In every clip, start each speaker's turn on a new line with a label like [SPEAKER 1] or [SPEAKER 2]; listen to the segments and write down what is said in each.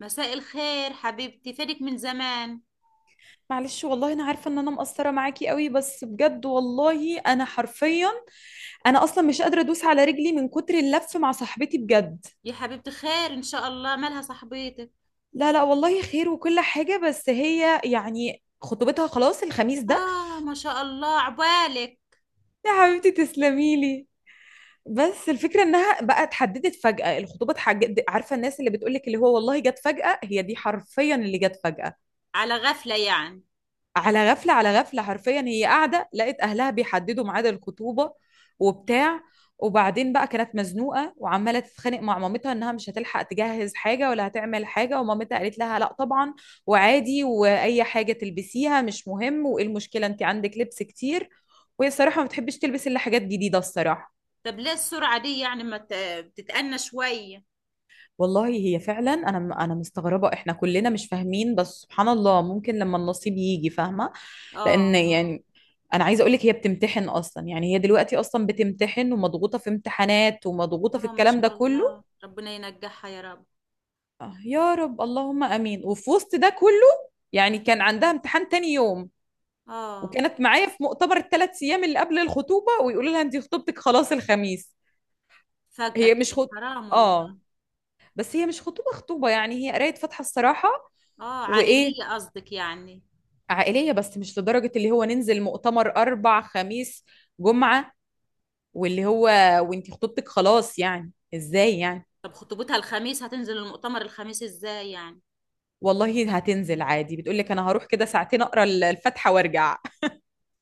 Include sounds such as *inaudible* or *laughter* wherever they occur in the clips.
[SPEAKER 1] مساء الخير حبيبتي، فينك من زمان؟
[SPEAKER 2] معلش، والله انا عارفه ان انا مقصره معاكي قوي، بس بجد والله انا حرفيا انا اصلا مش قادره ادوس على رجلي من كتر اللف مع صاحبتي بجد.
[SPEAKER 1] يا حبيبتي، خير ان شاء الله، مالها صاحبتك؟
[SPEAKER 2] لا لا والله خير وكل حاجه، بس هي يعني خطوبتها خلاص الخميس ده.
[SPEAKER 1] اه، ما شاء الله عبالك.
[SPEAKER 2] يا حبيبتي تسلمي لي. بس الفكره انها بقى اتحددت فجاه، الخطوبه عارفه الناس اللي بتقولك اللي هو والله جت فجاه، هي دي حرفيا اللي جت فجاه.
[SPEAKER 1] على غفلة يعني.
[SPEAKER 2] على غفلة على غفلة، حرفيا هي قاعدة لقت أهلها بيحددوا ميعاد الخطوبة وبتاع. وبعدين بقى كانت مزنوقة وعمالة تتخانق مع مامتها إنها مش هتلحق تجهز حاجة ولا هتعمل حاجة، ومامتها قالت لها لا طبعا وعادي، وأي حاجة تلبسيها مش مهم، وإيه المشكلة؟ أنت عندك لبس كتير، وهي الصراحة ما بتحبش تلبس إلا حاجات جديدة الصراحة.
[SPEAKER 1] طب ليه السرعة دي؟ يعني ما ت- بتتأنى شوية.
[SPEAKER 2] والله هي فعلا، انا مستغربه، احنا كلنا مش فاهمين، بس سبحان الله ممكن لما النصيب يجي فاهمه. لان
[SPEAKER 1] اه.
[SPEAKER 2] يعني انا عايزه اقول لك هي بتمتحن اصلا، يعني هي دلوقتي اصلا بتمتحن ومضغوطه في امتحانات ومضغوطه في
[SPEAKER 1] اه، ما
[SPEAKER 2] الكلام ده
[SPEAKER 1] شاء الله،
[SPEAKER 2] كله.
[SPEAKER 1] ربنا ينجحها يا رب.
[SPEAKER 2] آه، يا رب اللهم امين. وفي وسط ده كله يعني كان عندها امتحان تاني يوم،
[SPEAKER 1] اه.
[SPEAKER 2] وكانت معايا في مؤتمر ال 3 ايام اللي قبل الخطوبه، ويقولوا لها انت خطوبتك خلاص الخميس.
[SPEAKER 1] فجأة
[SPEAKER 2] هي مش
[SPEAKER 1] كده، حرام
[SPEAKER 2] اه،
[SPEAKER 1] والله.
[SPEAKER 2] بس هي مش خطوبه خطوبه يعني، هي قرايه فاتحه الصراحه.
[SPEAKER 1] اه،
[SPEAKER 2] وايه،
[SPEAKER 1] عائلية قصدك يعني.
[SPEAKER 2] عائلية، بس مش لدرجة اللي هو ننزل مؤتمر أربع خميس جمعة واللي هو وانتي خطوبتك خلاص، يعني ازاي يعني؟
[SPEAKER 1] طب خطوبتها الخميس، هتنزل المؤتمر الخميس ازاي يعني؟
[SPEAKER 2] والله هتنزل عادي، بتقول لك انا هروح كده ساعتين اقرا الفاتحة وارجع.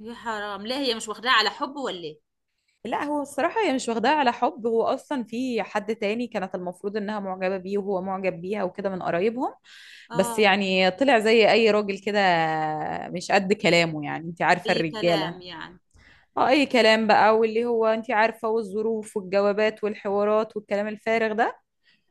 [SPEAKER 1] يا حرام، ليه هي مش واخداها على حب ولا ايه؟
[SPEAKER 2] لا هو الصراحة هي مش واخداها على حب، هو اصلا في حد تاني كانت المفروض انها معجبة بيه وهو معجب بيها وكده، من قرايبهم. بس
[SPEAKER 1] اه،
[SPEAKER 2] يعني طلع زي اي راجل كده، مش قد كلامه يعني، انت عارفة
[SPEAKER 1] اي كلام
[SPEAKER 2] الرجالة.
[SPEAKER 1] يعني.
[SPEAKER 2] اه اي كلام بقى، واللي هو انت عارفة، والظروف والجوابات والحوارات والكلام الفارغ ده.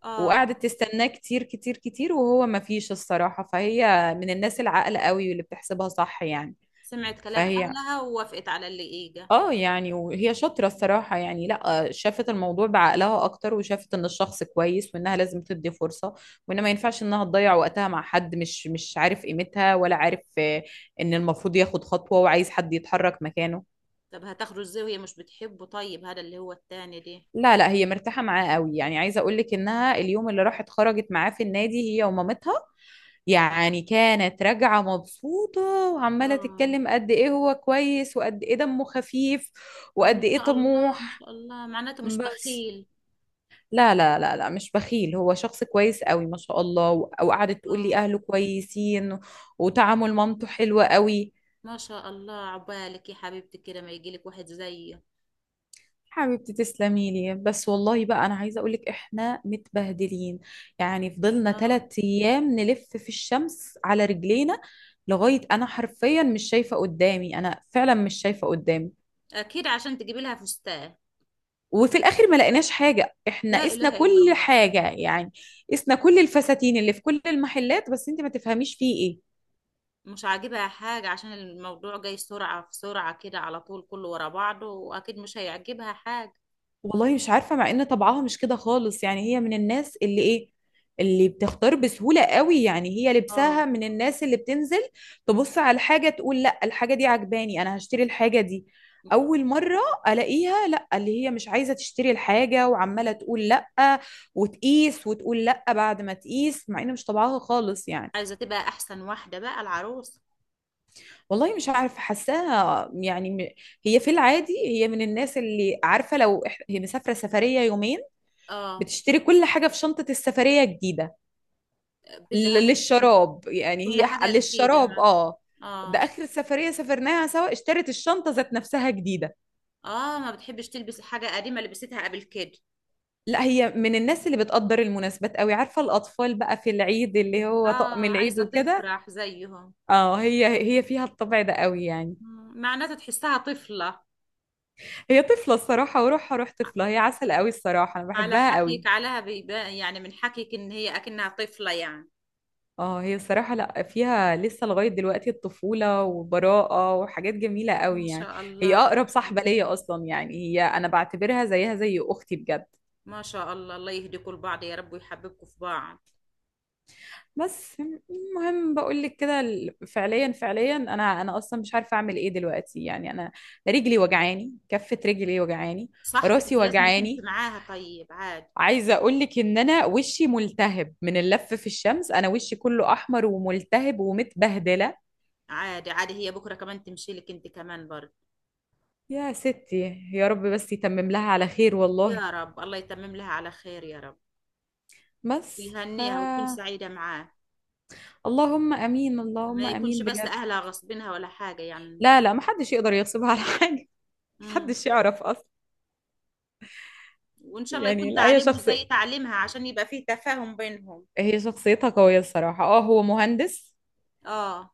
[SPEAKER 1] اه.
[SPEAKER 2] وقعدت تستناه كتير كتير كتير، وهو ما فيش الصراحة. فهي من الناس العاقلة قوي واللي بتحسبها صح يعني.
[SPEAKER 1] سمعت كلام
[SPEAKER 2] فهي
[SPEAKER 1] أهلها ووافقت على اللي إيجا.
[SPEAKER 2] اه يعني وهي شاطرة الصراحة، يعني لا، شافت الموضوع بعقلها اكتر، وشافت ان الشخص كويس وانها لازم تدي فرصة، وان ما ينفعش انها تضيع وقتها مع حد مش عارف قيمتها، ولا عارف، ان المفروض ياخد خطوة وعايز حد يتحرك مكانه.
[SPEAKER 1] طب هتاخده ازاي وهي مش بتحبه؟ طيب هذا اللي هو التاني دي.
[SPEAKER 2] لا لا، هي مرتاحة معاه قوي يعني، عايزة اقول لك انها اليوم اللي راحت خرجت معاه في النادي هي ومامتها، يعني كانت راجعة مبسوطة، وعمالة
[SPEAKER 1] اه.
[SPEAKER 2] تتكلم قد ايه هو كويس وقد ايه دمه خفيف
[SPEAKER 1] اه، ما
[SPEAKER 2] وقد ايه
[SPEAKER 1] شاء الله ما
[SPEAKER 2] طموح.
[SPEAKER 1] شاء الله، معناته مش
[SPEAKER 2] بس
[SPEAKER 1] بخيل.
[SPEAKER 2] لا لا لا لا مش بخيل، هو شخص كويس قوي ما شاء الله، وقعدت تقول لي
[SPEAKER 1] اه.
[SPEAKER 2] اهله كويسين وتعامل مامته حلو قوي.
[SPEAKER 1] ما شاء الله عبالك يا حبيبتي، كده ما يجيلك واحد زيه.
[SPEAKER 2] حبيبتي تسلمي لي. بس والله بقى انا عايزه اقولك احنا متبهدلين، يعني فضلنا
[SPEAKER 1] اه.
[SPEAKER 2] 3 ايام نلف في الشمس على رجلينا، لغايه انا حرفيا مش شايفه قدامي، انا فعلا مش شايفه قدامي.
[SPEAKER 1] اكيد عشان تجيبي لها فستان.
[SPEAKER 2] وفي الاخر ما لقيناش حاجه، احنا
[SPEAKER 1] لا
[SPEAKER 2] قسنا
[SPEAKER 1] اله الا
[SPEAKER 2] كل
[SPEAKER 1] الله.
[SPEAKER 2] حاجه يعني، قسنا كل الفساتين اللي في كل المحلات، بس انت ما تفهميش فيه ايه.
[SPEAKER 1] مش عاجبها حاجة عشان الموضوع جاي سرعة في سرعة كده، على طول كله ورا بعضه، واكيد مش هيعجبها حاجة.
[SPEAKER 2] والله مش عارفة، مع ان طبعها مش كده خالص يعني، هي من الناس اللي ايه، اللي بتختار بسهولة قوي يعني. هي
[SPEAKER 1] اه،
[SPEAKER 2] لبسها من الناس اللي بتنزل تبص على الحاجة تقول لا، الحاجة دي عجباني انا هشتري الحاجة دي اول مرة الاقيها. لا اللي هي مش عايزة تشتري الحاجة، وعمالة تقول لا، وتقيس وتقول لا بعد ما تقيس، مع ان مش طبعها خالص يعني.
[SPEAKER 1] عايزة تبقى احسن واحدة بقى العروس.
[SPEAKER 2] والله مش عارفة حاساها، يعني هي في العادي هي من الناس اللي عارفة لو هي مسافرة سفرية يومين
[SPEAKER 1] اه،
[SPEAKER 2] بتشتري كل حاجة في شنطة السفرية الجديدة،
[SPEAKER 1] بدها
[SPEAKER 2] للشراب يعني،
[SPEAKER 1] كل
[SPEAKER 2] هي
[SPEAKER 1] حاجة جديدة
[SPEAKER 2] للشراب
[SPEAKER 1] ما.
[SPEAKER 2] اه. ده
[SPEAKER 1] اه.
[SPEAKER 2] آخر سفرية سافرناها سوا اشترت الشنطة ذات نفسها جديدة.
[SPEAKER 1] اه، ما بتحبش تلبس حاجة قديمة لبستها قبل كده.
[SPEAKER 2] لا هي من الناس اللي بتقدر المناسبات قوي، عارفة الأطفال بقى في العيد، اللي هو طقم
[SPEAKER 1] اه،
[SPEAKER 2] العيد
[SPEAKER 1] عايزة
[SPEAKER 2] وكده.
[SPEAKER 1] تفرح زيهم.
[SPEAKER 2] اه، هي فيها الطبع ده قوي يعني.
[SPEAKER 1] معناتها تحسها طفلة.
[SPEAKER 2] هي طفلة الصراحة، وروحها روح
[SPEAKER 1] ع-
[SPEAKER 2] طفلة، هي عسل قوي الصراحة، أنا
[SPEAKER 1] على
[SPEAKER 2] بحبها قوي.
[SPEAKER 1] حكيك عليها بيبان، يعني من حكيك ان هي اكنها طفلة يعني.
[SPEAKER 2] اه هي الصراحة لا، فيها لسه لغاية دلوقتي الطفولة وبراءة وحاجات جميلة
[SPEAKER 1] ما
[SPEAKER 2] قوي يعني.
[SPEAKER 1] شاء الله
[SPEAKER 2] هي
[SPEAKER 1] ما
[SPEAKER 2] أقرب
[SPEAKER 1] شاء
[SPEAKER 2] صاحبة
[SPEAKER 1] الله.
[SPEAKER 2] ليا أصلا، يعني هي أنا بعتبرها زيها زي أختي بجد.
[SPEAKER 1] ما شاء الله، الله يهديكوا لبعض يا رب، ويحببكوا في بعض.
[SPEAKER 2] بس، المهم بقول لك كده، فعليا فعليا أنا أصلا مش عارفة أعمل إيه دلوقتي يعني. أنا رجلي وجعاني، كفة رجلي وجعاني،
[SPEAKER 1] صاحبتك
[SPEAKER 2] راسي
[SPEAKER 1] لازم تمشي
[SPEAKER 2] وجعاني،
[SPEAKER 1] معاها، طيب عادي.
[SPEAKER 2] عايزة أقول لك إن أنا وشي ملتهب من اللف في الشمس، أنا وشي كله أحمر وملتهب ومتبهدلة.
[SPEAKER 1] عادي، عادي هي بكرة كمان تمشي لك انت كمان برضه.
[SPEAKER 2] يا ستي، يا رب بس يتمم لها على خير والله.
[SPEAKER 1] يا رب، الله يتمم لها على خير يا رب.
[SPEAKER 2] بس. ف
[SPEAKER 1] ويهنيها وتكون سعيدة معاه.
[SPEAKER 2] اللهم امين اللهم
[SPEAKER 1] ما يكونش
[SPEAKER 2] امين
[SPEAKER 1] بس
[SPEAKER 2] بجد.
[SPEAKER 1] اهلها غصبينها ولا حاجة يعني.
[SPEAKER 2] لا لا محدش يقدر يغصبها على *laughs* حاجه،
[SPEAKER 1] امم.
[SPEAKER 2] محدش يعرف اصلا.
[SPEAKER 1] وان شاء الله
[SPEAKER 2] يعني
[SPEAKER 1] يكون
[SPEAKER 2] لا اي
[SPEAKER 1] تعليمه
[SPEAKER 2] شخص،
[SPEAKER 1] زي تعليمها عشان يبقى فيه تفاهم بينهم.
[SPEAKER 2] هي شخصيتها قويه الصراحه. اه هو مهندس،
[SPEAKER 1] اه.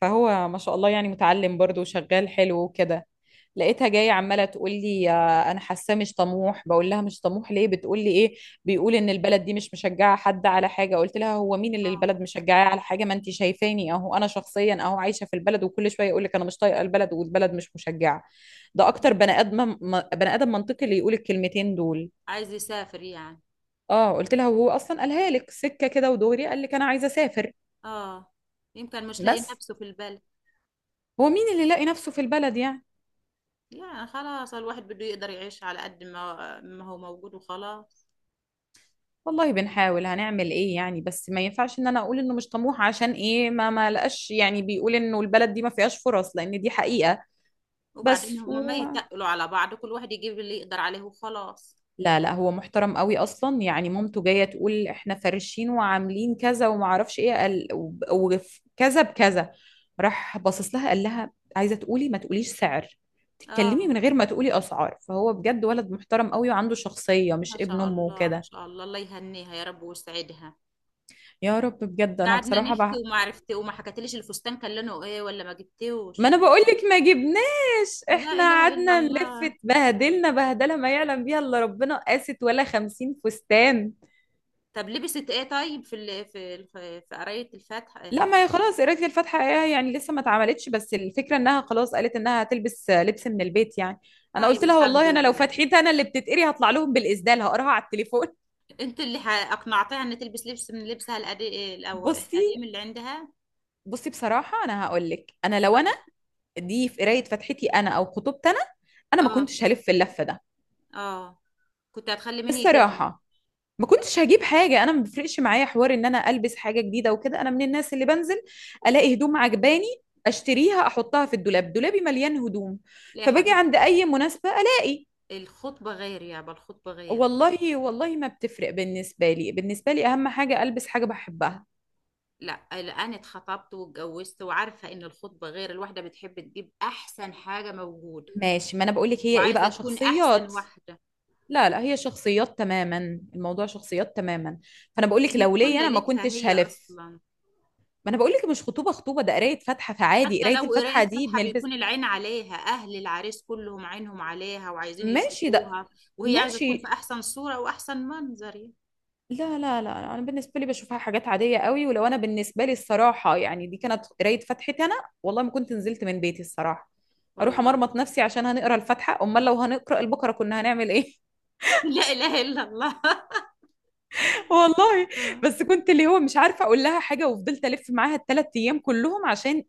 [SPEAKER 2] فهو ما شاء الله يعني متعلم برضه وشغال حلو وكده. لقيتها جايه عماله تقول لي، انا حاساه مش طموح، بقول لها مش طموح ليه؟ بتقول لي ايه، بيقول ان البلد دي مش مشجعه حد على حاجه. قلت لها هو مين اللي البلد
[SPEAKER 1] اه.
[SPEAKER 2] مشجعاه على حاجه؟ ما انت شايفاني اهو، انا شخصيا اهو عايشه في البلد، وكل شويه يقول لك انا مش طايقه البلد والبلد مش مشجعه. ده اكتر
[SPEAKER 1] آه.
[SPEAKER 2] بني ادم، بني ادم منطقي اللي يقول الكلمتين دول.
[SPEAKER 1] عايز يسافر يعني.
[SPEAKER 2] اه قلت لها وهو اصلا قالها لك سكه كده ودغري قال لك انا عايزه اسافر.
[SPEAKER 1] اه. يمكن مش لاقي
[SPEAKER 2] بس
[SPEAKER 1] نفسه في البلد.
[SPEAKER 2] هو مين اللي لاقي نفسه في البلد يعني؟
[SPEAKER 1] يعني خلاص، الواحد بده يقدر يعيش على قد ما ما هو موجود وخلاص.
[SPEAKER 2] والله بنحاول، هنعمل ايه يعني؟ بس ما ينفعش ان انا اقول انه مش طموح، عشان ايه ما لقاش يعني، بيقول انه البلد دي ما فيهاش فرص، لان دي حقيقة.
[SPEAKER 1] وبعدين
[SPEAKER 2] بس
[SPEAKER 1] هما ما
[SPEAKER 2] هو
[SPEAKER 1] يتقلوا على بعض، كل واحد يجيب اللي يقدر عليه وخلاص.
[SPEAKER 2] لا لا، هو محترم قوي اصلا يعني. مامته جاية تقول احنا فرشين وعاملين كذا وما اعرفش ايه، قال وكذا بكذا، راح باصص لها قال لها عايزة تقولي ما تقوليش سعر، تتكلمي
[SPEAKER 1] اه،
[SPEAKER 2] من غير ما تقولي اسعار. فهو بجد ولد محترم قوي، وعنده شخصية
[SPEAKER 1] ما
[SPEAKER 2] مش ابن
[SPEAKER 1] شاء
[SPEAKER 2] امه
[SPEAKER 1] الله ما
[SPEAKER 2] وكده.
[SPEAKER 1] شاء الله، الله يهنيها يا رب ويسعدها.
[SPEAKER 2] يا رب بجد، انا
[SPEAKER 1] قعدنا نحكي
[SPEAKER 2] بصراحة.
[SPEAKER 1] وما عرفت إيه، وما حكتليش الفستان كان لونه ايه ولا ما
[SPEAKER 2] ما
[SPEAKER 1] جبتوش.
[SPEAKER 2] انا بقولك ما جبناش،
[SPEAKER 1] لا
[SPEAKER 2] احنا
[SPEAKER 1] اله الا
[SPEAKER 2] قعدنا نلف،
[SPEAKER 1] الله.
[SPEAKER 2] اتبهدلنا بهدله ما يعلم بيها الا ربنا. قاست ولا 50 فستان.
[SPEAKER 1] طب لبست ايه طيب؟ في قرايه الفاتحه إيه؟
[SPEAKER 2] لا ما هي خلاص، قرايه الفاتحه إيه يعني لسه ما اتعملتش، بس الفكره انها خلاص قالت انها هتلبس لبس من البيت يعني. انا
[SPEAKER 1] طيب
[SPEAKER 2] قلت لها
[SPEAKER 1] الحمد
[SPEAKER 2] والله انا لو
[SPEAKER 1] لله.
[SPEAKER 2] فتحتها انا اللي بتتقري، هطلع لهم بالاسدال هقراها على التليفون.
[SPEAKER 1] انت اللي اقنعتها ان تلبس لبس من لبسها القديم،
[SPEAKER 2] *laughs*
[SPEAKER 1] الاول
[SPEAKER 2] بصي،
[SPEAKER 1] القديم اللي عندها.
[SPEAKER 2] بصي بصراحه، انا هقول لك انا لو انا،
[SPEAKER 1] اه.
[SPEAKER 2] دي في قرايه فتحتي انا او خطوبتي انا، انا ما
[SPEAKER 1] اه.
[SPEAKER 2] كنتش هلف اللفه ده
[SPEAKER 1] اه. كنت هتخلي مين يجيب لي؟
[SPEAKER 2] الصراحه. ما كنتش هجيب حاجة، أنا ما بيفرقش معايا حوار إن أنا ألبس حاجة جديدة وكده. أنا من الناس اللي بنزل ألاقي هدوم عجباني أشتريها أحطها في الدولاب، دولابي مليان هدوم،
[SPEAKER 1] لا يا
[SPEAKER 2] فباجي
[SPEAKER 1] حبيبي،
[SPEAKER 2] عند أي مناسبة ألاقي.
[SPEAKER 1] الخطبه غير يابا، الخطبه غير.
[SPEAKER 2] والله والله ما بتفرق بالنسبة لي، بالنسبة لي أهم حاجة ألبس حاجة بحبها.
[SPEAKER 1] لا لا، انا اتخطبت واتجوزت، وعارفه ان الخطبه غير، الواحده بتحب تجيب احسن حاجه موجوده.
[SPEAKER 2] ماشي، ما أنا بقولك هي إيه
[SPEAKER 1] وعايزة
[SPEAKER 2] بقى،
[SPEAKER 1] تكون أحسن
[SPEAKER 2] شخصيات.
[SPEAKER 1] واحدة.
[SPEAKER 2] لا لا هي شخصيات تماما، الموضوع شخصيات تماما. فأنا بقولك
[SPEAKER 1] لأن
[SPEAKER 2] لو
[SPEAKER 1] بتكون
[SPEAKER 2] ليا أنا ما
[SPEAKER 1] ليلتها
[SPEAKER 2] كنتش
[SPEAKER 1] هي
[SPEAKER 2] هلف.
[SPEAKER 1] أصلا.
[SPEAKER 2] ما أنا بقولك مش خطوبة خطوبة، ده قراية فاتحة، فعادي
[SPEAKER 1] حتى لو
[SPEAKER 2] قراية الفاتحة
[SPEAKER 1] قراية
[SPEAKER 2] دي
[SPEAKER 1] فاتحة،
[SPEAKER 2] بنلبس.
[SPEAKER 1] بيكون العين عليها، أهل العريس كلهم عينهم عليها وعايزين
[SPEAKER 2] ماشي ده،
[SPEAKER 1] يشوفوها. وهي عايزة تكون في
[SPEAKER 2] ماشي.
[SPEAKER 1] أحسن صورة وأحسن منظر يعني.
[SPEAKER 2] لا لا لا انا بالنسبه لي بشوفها حاجات عاديه قوي. ولو انا بالنسبه لي الصراحه يعني، دي كانت قرايه فتحتي انا، والله ما كنت نزلت من بيتي الصراحه، اروح
[SPEAKER 1] والله.
[SPEAKER 2] امرمط نفسي عشان هنقرا الفاتحه؟ امال لو هنقرا البقره كنا هنعمل ايه؟
[SPEAKER 1] *laughs* لا إله إلا الله *laughs*
[SPEAKER 2] *laughs* والله.
[SPEAKER 1] آه.
[SPEAKER 2] بس كنت اللي هو مش عارفه اقول لها حاجه، وفضلت الف معاها الثلاث ايام كلهم عشان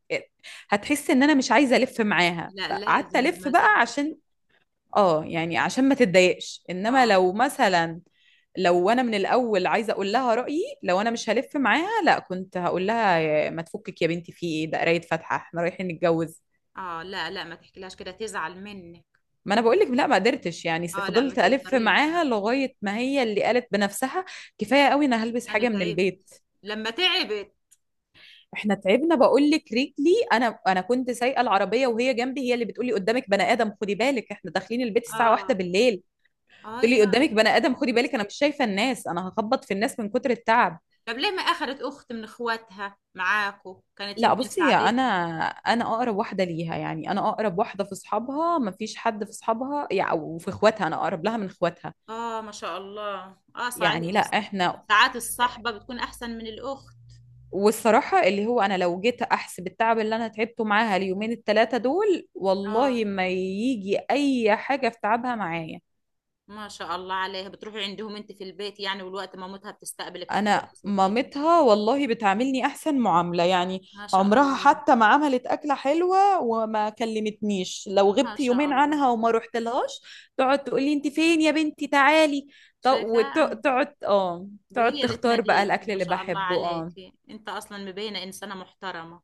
[SPEAKER 2] هتحس ان انا مش عايزه الف معاها،
[SPEAKER 1] لا
[SPEAKER 2] فقعدت
[SPEAKER 1] لازم،
[SPEAKER 2] الف
[SPEAKER 1] ما
[SPEAKER 2] بقى
[SPEAKER 1] صاحبك.
[SPEAKER 2] عشان اه يعني عشان ما تتضايقش. انما
[SPEAKER 1] اه.
[SPEAKER 2] لو مثلا، لو انا من الاول عايزه اقول لها رايي، لو انا مش هلف معاها، لا كنت هقول لها ما تفكك يا بنتي في ايه، ده قرايه فاتحه، احنا رايحين نتجوز؟
[SPEAKER 1] اه. لا لا، ما تحكيلهاش كده تزعل منك.
[SPEAKER 2] ما انا بقول لك لا ما قدرتش، يعني
[SPEAKER 1] اه، لا ما
[SPEAKER 2] فضلت الف
[SPEAKER 1] تقدريش، لا.
[SPEAKER 2] معاها لغايه ما هي اللي قالت بنفسها كفايه قوي، انا هلبس
[SPEAKER 1] أنا
[SPEAKER 2] حاجه من
[SPEAKER 1] تعبت
[SPEAKER 2] البيت.
[SPEAKER 1] لما تعبت.
[SPEAKER 2] احنا تعبنا بقول لك، رجلي، انا كنت سايقه العربيه وهي جنبي، هي اللي بتقولي قدامك بني ادم خدي بالك، احنا داخلين البيت الساعه 1
[SPEAKER 1] اه.
[SPEAKER 2] بالليل.
[SPEAKER 1] اه، يا
[SPEAKER 2] تقولي
[SPEAKER 1] يا
[SPEAKER 2] قدامك بني ادم
[SPEAKER 1] الله.
[SPEAKER 2] خدي بالك، انا مش شايفه الناس، انا هخبط في الناس من كتر التعب.
[SPEAKER 1] طب ليه ما أخذت أخت من إخواتها معاكو؟ كانت
[SPEAKER 2] لا
[SPEAKER 1] يمكن
[SPEAKER 2] بصي انا،
[SPEAKER 1] ساعدتها.
[SPEAKER 2] انا اقرب واحده ليها يعني، انا اقرب واحده في اصحابها، ما فيش حد في اصحابها يعني او في اخواتها، انا اقرب لها من اخواتها.
[SPEAKER 1] آه، ما شاء الله، آه صحيح.
[SPEAKER 2] يعني لا احنا،
[SPEAKER 1] ساعات الصحبة بتكون أحسن من الأخت.
[SPEAKER 2] والصراحه اللي هو انا لو جيت احسب التعب اللي انا تعبته معاها اليومين ال 3 دول،
[SPEAKER 1] آه،
[SPEAKER 2] والله ما يجي اي حاجه في تعبها معايا.
[SPEAKER 1] ما شاء الله عليها، بتروحي عندهم أنت في البيت يعني، والوقت مامتها بتستقبلك.
[SPEAKER 2] انا
[SPEAKER 1] كويس وكده.
[SPEAKER 2] مامتها والله بتعاملني احسن معامله يعني،
[SPEAKER 1] ما شاء
[SPEAKER 2] عمرها
[SPEAKER 1] الله
[SPEAKER 2] حتى ما عملت اكله حلوه وما كلمتنيش، لو
[SPEAKER 1] ما
[SPEAKER 2] غبت
[SPEAKER 1] شاء
[SPEAKER 2] يومين عنها
[SPEAKER 1] الله.
[SPEAKER 2] وما رحت لهاش تقعد تقول لي انت فين يا بنتي تعالي.
[SPEAKER 1] شايفة؟ آه.
[SPEAKER 2] وتقعد اه تقعد
[SPEAKER 1] هي اللي
[SPEAKER 2] تختار بقى
[SPEAKER 1] تناديك،
[SPEAKER 2] الاكل
[SPEAKER 1] ما
[SPEAKER 2] اللي
[SPEAKER 1] شاء الله
[SPEAKER 2] بحبه
[SPEAKER 1] عليك.
[SPEAKER 2] اه.
[SPEAKER 1] أنت أصلا مبينة إنسانة محترمة.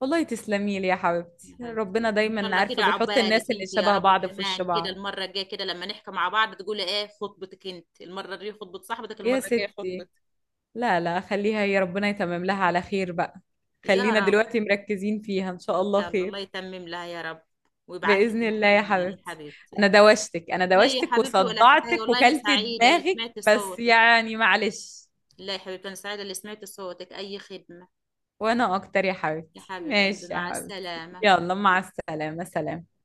[SPEAKER 2] والله تسلمي لي يا حبيبتي،
[SPEAKER 1] يا
[SPEAKER 2] ربنا
[SPEAKER 1] حبيبتي، ان شاء
[SPEAKER 2] دايما
[SPEAKER 1] الله
[SPEAKER 2] عارفه
[SPEAKER 1] كده
[SPEAKER 2] بيحط
[SPEAKER 1] عقبالك
[SPEAKER 2] الناس اللي
[SPEAKER 1] انت يا
[SPEAKER 2] شبه
[SPEAKER 1] رب
[SPEAKER 2] بعض في وش
[SPEAKER 1] كمان، كده
[SPEAKER 2] بعض.
[SPEAKER 1] المره الجايه كده لما نحكي مع بعض تقولي ايه، خطبتك انت، المره دي خطبه صاحبتك،
[SPEAKER 2] يا
[SPEAKER 1] المره الجايه خطبتك.
[SPEAKER 2] ستي، لا لا خليها، يا ربنا يتمم لها على خير بقى.
[SPEAKER 1] يا
[SPEAKER 2] خلينا
[SPEAKER 1] رب.
[SPEAKER 2] دلوقتي مركزين فيها، ان شاء الله
[SPEAKER 1] يلا، الله
[SPEAKER 2] خير.
[SPEAKER 1] يتمم لها يا رب. ويبعت لك
[SPEAKER 2] بإذن
[SPEAKER 1] انت
[SPEAKER 2] الله يا
[SPEAKER 1] كمان يا
[SPEAKER 2] حبيبتي.
[SPEAKER 1] حبيبتي.
[SPEAKER 2] أنا دوشتك، أنا
[SPEAKER 1] لا يا
[SPEAKER 2] دوشتك
[SPEAKER 1] حبيبتي، ولا حاجه
[SPEAKER 2] وصدعتك
[SPEAKER 1] والله، انا
[SPEAKER 2] وكلت
[SPEAKER 1] سعيده اللي
[SPEAKER 2] دماغك،
[SPEAKER 1] سمعت
[SPEAKER 2] بس
[SPEAKER 1] صوتك.
[SPEAKER 2] يعني معلش.
[SPEAKER 1] لا يا حبيبتي، انا سعيده اللي سمعت صوتك، اي خدمه.
[SPEAKER 2] وأنا أكتر يا
[SPEAKER 1] يا
[SPEAKER 2] حبيبتي،
[SPEAKER 1] حبيبه قلبي،
[SPEAKER 2] ماشي يا
[SPEAKER 1] مع
[SPEAKER 2] حبيبتي.
[SPEAKER 1] السلامه.
[SPEAKER 2] يلا مع السلامة، سلام.